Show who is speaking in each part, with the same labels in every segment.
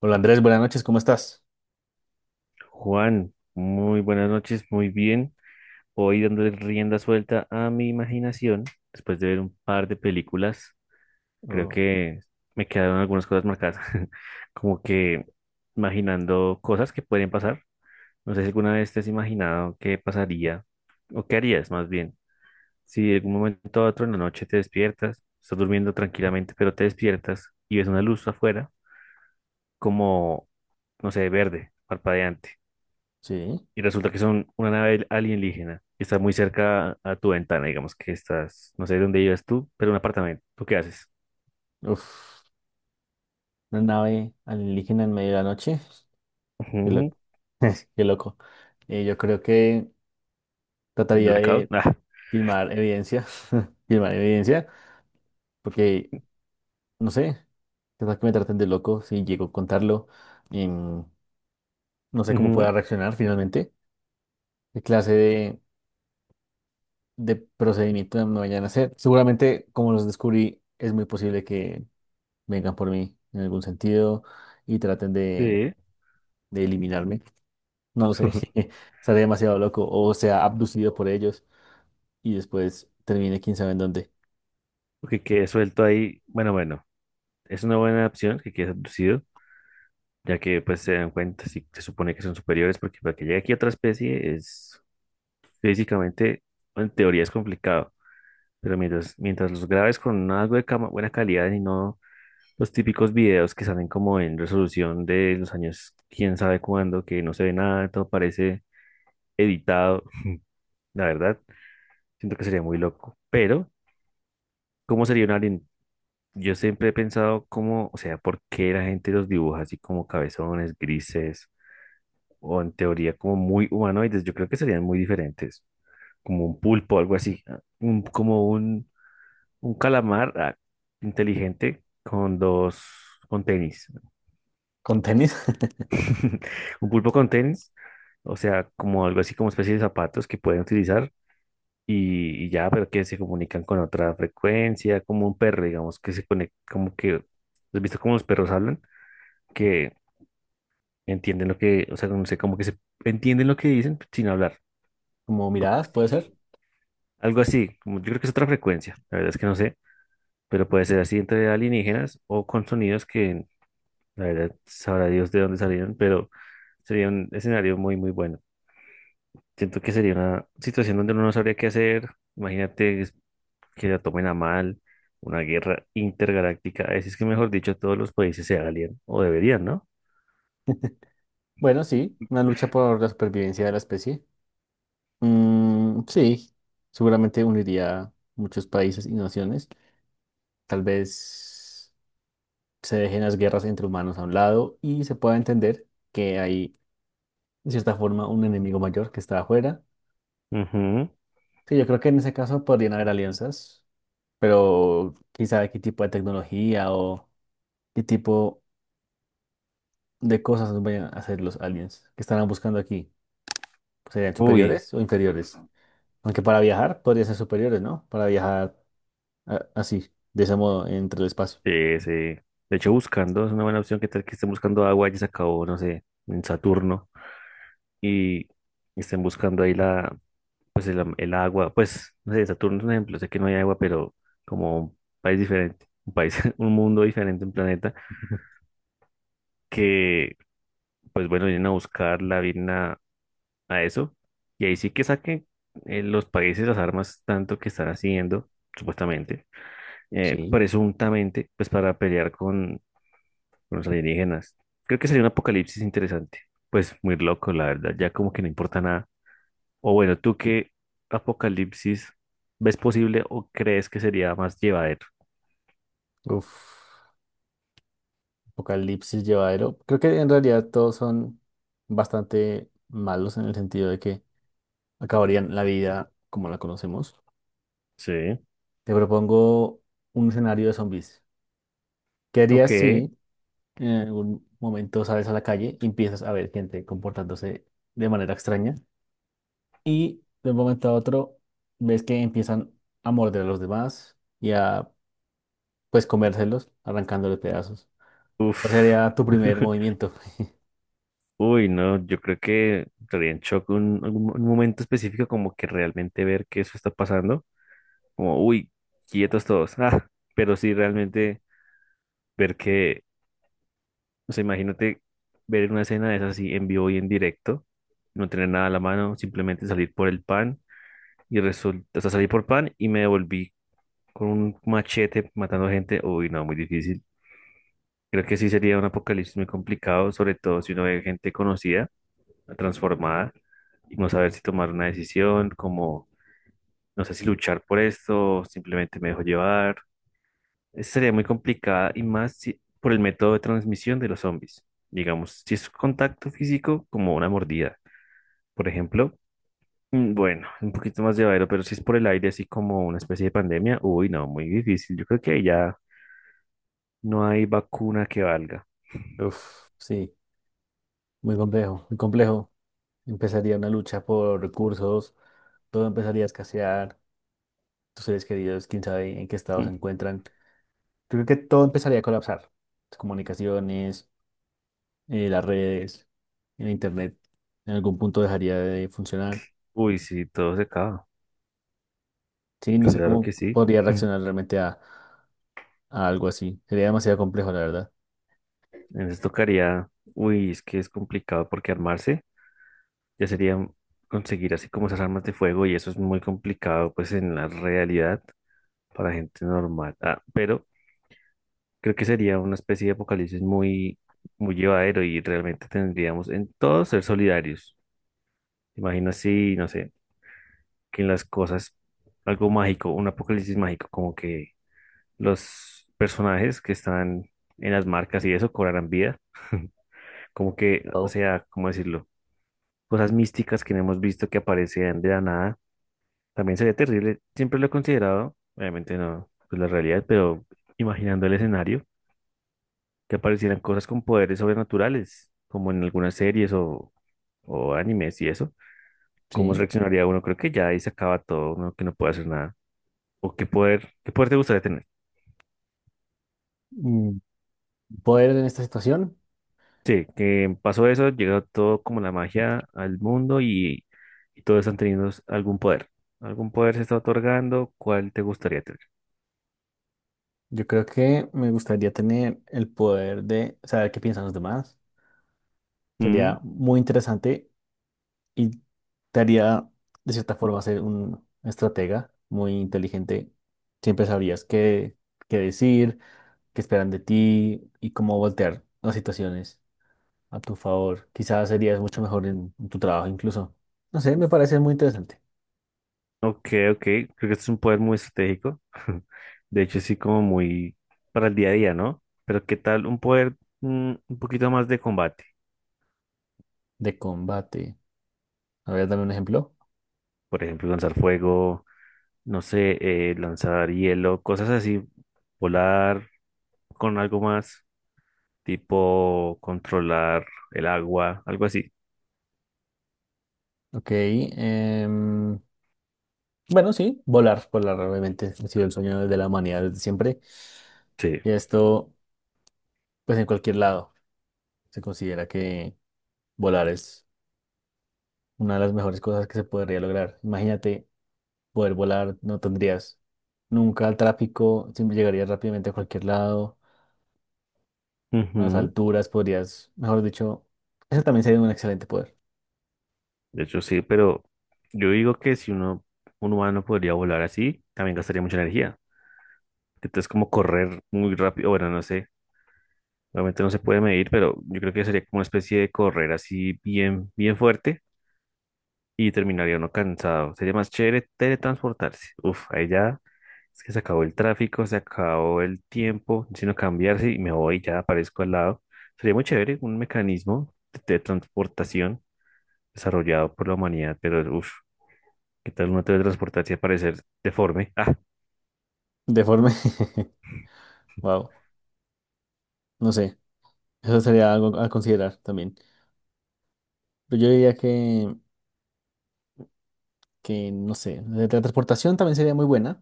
Speaker 1: Hola Andrés, buenas noches, ¿cómo estás?
Speaker 2: Juan, muy buenas noches, muy bien. Hoy dándole rienda suelta a mi imaginación, después de ver un par de películas, creo
Speaker 1: Oh,
Speaker 2: que me quedaron algunas cosas marcadas, como que imaginando cosas que pueden pasar. No sé si alguna vez te has imaginado qué pasaría o qué harías más bien. Si en algún momento a otro en la noche te despiertas, estás durmiendo tranquilamente, pero te despiertas y ves una luz afuera como, no sé, verde, parpadeante
Speaker 1: sí,
Speaker 2: y resulta que son una nave alienígena que está muy cerca a tu ventana, digamos que estás, no sé dónde vives tú, pero un apartamento. ¿Tú qué haces?
Speaker 1: uf, una nave alienígena en medio de la noche, qué
Speaker 2: Ujú.
Speaker 1: loco, qué loco. Yo creo que
Speaker 2: El
Speaker 1: trataría
Speaker 2: blackout.
Speaker 1: de
Speaker 2: Ah,
Speaker 1: filmar evidencia, filmar evidencia, porque no sé, quizás que me traten de loco si llego a contarlo, em, no sé cómo pueda
Speaker 2: ujú,
Speaker 1: reaccionar finalmente, qué clase de procedimiento me vayan a hacer. Seguramente, como los descubrí, es muy posible que vengan por mí en algún sentido y traten de
Speaker 2: sí.
Speaker 1: de eliminarme. No sé, estaré demasiado loco o sea abducido por ellos y después termine quién sabe en dónde.
Speaker 2: Porque quede suelto ahí. Bueno, bueno, es una buena opción que quede abducido, ya que pues se dan cuenta si se supone que son superiores, porque para que llegue aquí otra especie es físicamente, en teoría es complicado. Pero mientras los grabes con algo de buena calidad y no los típicos videos que salen como en resolución de los años, quién sabe cuándo, que no se ve nada, todo parece editado. La verdad, siento que sería muy loco. Pero, ¿cómo sería un alien? Yo siempre he pensado cómo, o sea, por qué la gente los dibuja así como cabezones, grises, o en teoría como muy humanoides. Yo creo que serían muy diferentes, como un pulpo, algo así, como un calamar, inteligente con dos, con tenis.
Speaker 1: Con tenis,
Speaker 2: Un pulpo con tenis, o sea, como algo así como especie de zapatos que pueden utilizar y ya, pero que se comunican con otra frecuencia, como un perro, digamos, que se conecta, como que, ¿has visto cómo los perros hablan? Que entienden lo que, o sea, no sé, como que se entienden lo que dicen sin hablar,
Speaker 1: como
Speaker 2: como
Speaker 1: miradas, puede
Speaker 2: si-
Speaker 1: ser.
Speaker 2: algo así, como yo creo que es otra frecuencia, la verdad es que no sé, pero puede ser así entre alienígenas o con sonidos que, la verdad, sabrá Dios de dónde salieron, pero sería un escenario muy, muy bueno. Siento que sería una situación donde uno no sabría qué hacer. Imagínate que la tomen a mal, una guerra intergaláctica. Así es que, mejor dicho, todos los países se alían o deberían, ¿no?
Speaker 1: Bueno, sí, una lucha por la supervivencia de la especie. Mm, sí, seguramente uniría muchos países y naciones. Tal vez se dejen las guerras entre humanos a un lado y se pueda entender que hay, de cierta forma, un enemigo mayor que está afuera.
Speaker 2: Ujú.
Speaker 1: Sí, yo creo que en ese caso podrían haber alianzas. Pero quién sabe qué tipo de tecnología o qué tipo de cosas nos vayan a hacer los aliens que estarán buscando aquí. ¿Serían
Speaker 2: Uy,
Speaker 1: superiores o inferiores? Aunque para viajar podría ser superiores, ¿no? Para viajar a- así, de ese modo, entre el espacio.
Speaker 2: sí, sí. De hecho, buscando es una buena opción. ¿Qué tal que estén buscando agua y se acabó, no sé, en Saturno? Y estén buscando ahí la, pues el, el agua. Pues, no sé, Saturno es un ejemplo. Sé que no hay agua, pero como un país diferente, un país, un mundo diferente, un planeta
Speaker 1: Ujú.
Speaker 2: que pues bueno, vienen a buscarla, vienen a eso, y ahí sí que saquen los países las armas tanto que están haciendo, supuestamente,
Speaker 1: Sí.
Speaker 2: presuntamente, pues para pelear con los alienígenas. Creo que sería un apocalipsis interesante, pues muy loco, la verdad, ya como que no importa nada. O bueno, ¿tú qué apocalipsis ves posible o crees que sería más llevadero?
Speaker 1: Uf, apocalipsis llevadero. Creo que en realidad todos son bastante malos en el sentido de que acabarían la vida como la conocemos.
Speaker 2: Sí.
Speaker 1: Te propongo un escenario de zombies. ¿Qué harías
Speaker 2: Ok.
Speaker 1: si en algún momento sales a la calle y empiezas a ver gente comportándose de manera extraña y de un momento a otro ves que empiezan a morder a los demás y a pues comérselos, arrancándoles pedazos? ¿Cuál
Speaker 2: Uf.
Speaker 1: sería tu primer movimiento?
Speaker 2: Uy, no, yo creo que estaría en shock un, algún un momento específico como que realmente ver que eso está pasando, como, uy, quietos todos, pero sí realmente ver que, o sea, imagínate ver una escena de esas así en vivo y en directo, no tener nada a la mano, simplemente salir por el pan y resulta, o sea, salí por pan y me devolví con un machete matando gente, uy, no, muy difícil. Creo que sí sería un apocalipsis muy complicado, sobre todo si uno ve gente conocida transformada y no saber si tomar una decisión, como no sé si luchar por esto, simplemente me dejo llevar. Esa sería muy complicada y más por el método de transmisión de los zombies. Digamos, si es contacto físico, como una mordida, por ejemplo. Mm, bueno, un poquito más llevadero, pero si es por el aire, así como una especie de pandemia, uy, no, muy difícil. Yo creo que ahí ya no hay vacuna que valga.
Speaker 1: Uf, sí, muy complejo, muy complejo. Empezaría una lucha por recursos, todo empezaría a escasear, tus seres queridos, quién sabe en qué estado se
Speaker 2: Mm.
Speaker 1: encuentran. Yo creo que todo empezaría a colapsar. Las comunicaciones, las redes, el internet, en algún punto dejaría de funcionar.
Speaker 2: Uy, sí, todo se acaba.
Speaker 1: Sí, no sé
Speaker 2: Claro que
Speaker 1: cómo
Speaker 2: sí.
Speaker 1: podría reaccionar realmente a algo así. Sería demasiado complejo, la verdad.
Speaker 2: Entonces tocaría, uy, es que es complicado porque armarse ya sería conseguir así como esas armas de fuego y eso es muy complicado pues en la realidad para gente normal. Ah, pero creo que sería una especie de apocalipsis muy, muy llevadero y realmente tendríamos en todo ser solidarios. Imagina si, no sé, que en las cosas, algo mágico, un apocalipsis mágico, como que los personajes que están en las marcas y eso cobrarán vida. Como que, o
Speaker 1: Wow.
Speaker 2: sea, ¿cómo decirlo? Cosas místicas que no hemos visto que aparecían de la nada. También sería terrible. Siempre lo he considerado, obviamente no, pues la realidad, pero imaginando el escenario, que aparecieran cosas con poderes sobrenaturales, como en algunas series o animes y eso. ¿Cómo
Speaker 1: Sí.
Speaker 2: reaccionaría uno? Creo que ya ahí se acaba todo, uno que no puede hacer nada. ¿O qué poder te gustaría tener?
Speaker 1: Mm, poder en esta situación,
Speaker 2: Sí, que pasó eso, llegó todo como la magia al mundo y todos están teniendo algún poder. Algún poder se está otorgando, ¿cuál te gustaría tener?
Speaker 1: yo creo que me gustaría tener el poder de saber qué piensan los demás.
Speaker 2: Mm,
Speaker 1: Sería muy interesante. Y te haría, de cierta forma, ser un estratega muy inteligente. Siempre sabrías qué, qué decir, qué esperan de ti y cómo voltear las situaciones a tu favor. Quizás serías mucho mejor en tu trabajo incluso. No sé, me parece muy interesante.
Speaker 2: ok, ok, creo que este es un poder muy estratégico. De hecho, sí, como muy para el día a día, ¿no? Pero ¿qué tal un poder un poquito más de combate?
Speaker 1: De combate. A ver, dame un ejemplo.
Speaker 2: Por ejemplo, lanzar fuego, no sé, lanzar hielo, cosas así, volar con algo más, tipo controlar el agua, algo así.
Speaker 1: Ok. Bueno, sí, volar. Volar obviamente ha sido el sueño de la humanidad desde siempre.
Speaker 2: Sí.
Speaker 1: Y esto, pues en cualquier lado, se considera que volar es una de las mejores cosas que se podría lograr. Imagínate poder volar, no tendrías nunca el tráfico, siempre llegarías rápidamente a cualquier lado, a las
Speaker 2: Ujú.
Speaker 1: alturas podrías, mejor dicho, eso también sería un excelente poder.
Speaker 2: De hecho, sí, pero yo digo que si uno, un humano podría volar así, también gastaría mucha energía. Entonces, como correr muy rápido, bueno, no sé, obviamente no se puede medir, pero yo creo que sería como una especie de correr así bien, bien fuerte y terminaría uno cansado. Sería más chévere teletransportarse. Uf, ahí ya es que se acabó el tráfico, se acabó el tiempo, sino cambiarse y me voy, ya aparezco al lado. Sería muy chévere un mecanismo de teletransportación desarrollado por la humanidad, pero uff. ¿Qué tal una teletransportarse y aparecer deforme? Ah,
Speaker 1: Deforme, wow, no sé, eso sería algo a considerar también. Pero yo diría que no sé, la transportación también sería muy buena,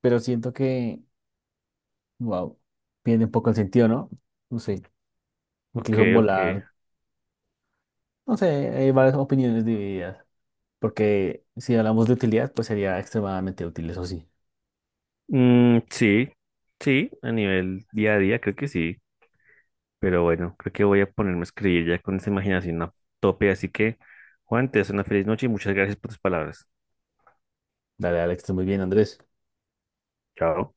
Speaker 1: pero siento que, wow, pierde un poco el sentido, ¿no? No sé,
Speaker 2: ok,
Speaker 1: incluso
Speaker 2: ok.
Speaker 1: volar, no sé, hay varias opiniones divididas. Porque si hablamos de utilidad, pues sería extremadamente útil, eso sí.
Speaker 2: Mm, sí, sí, a nivel día a día creo que sí. Pero bueno, creo que voy a ponerme a escribir ya con esa imaginación a tope. Así que, Juan, te deseo una feliz noche y muchas gracias por tus palabras.
Speaker 1: Dale al extra muy bien, Andrés.
Speaker 2: Chao.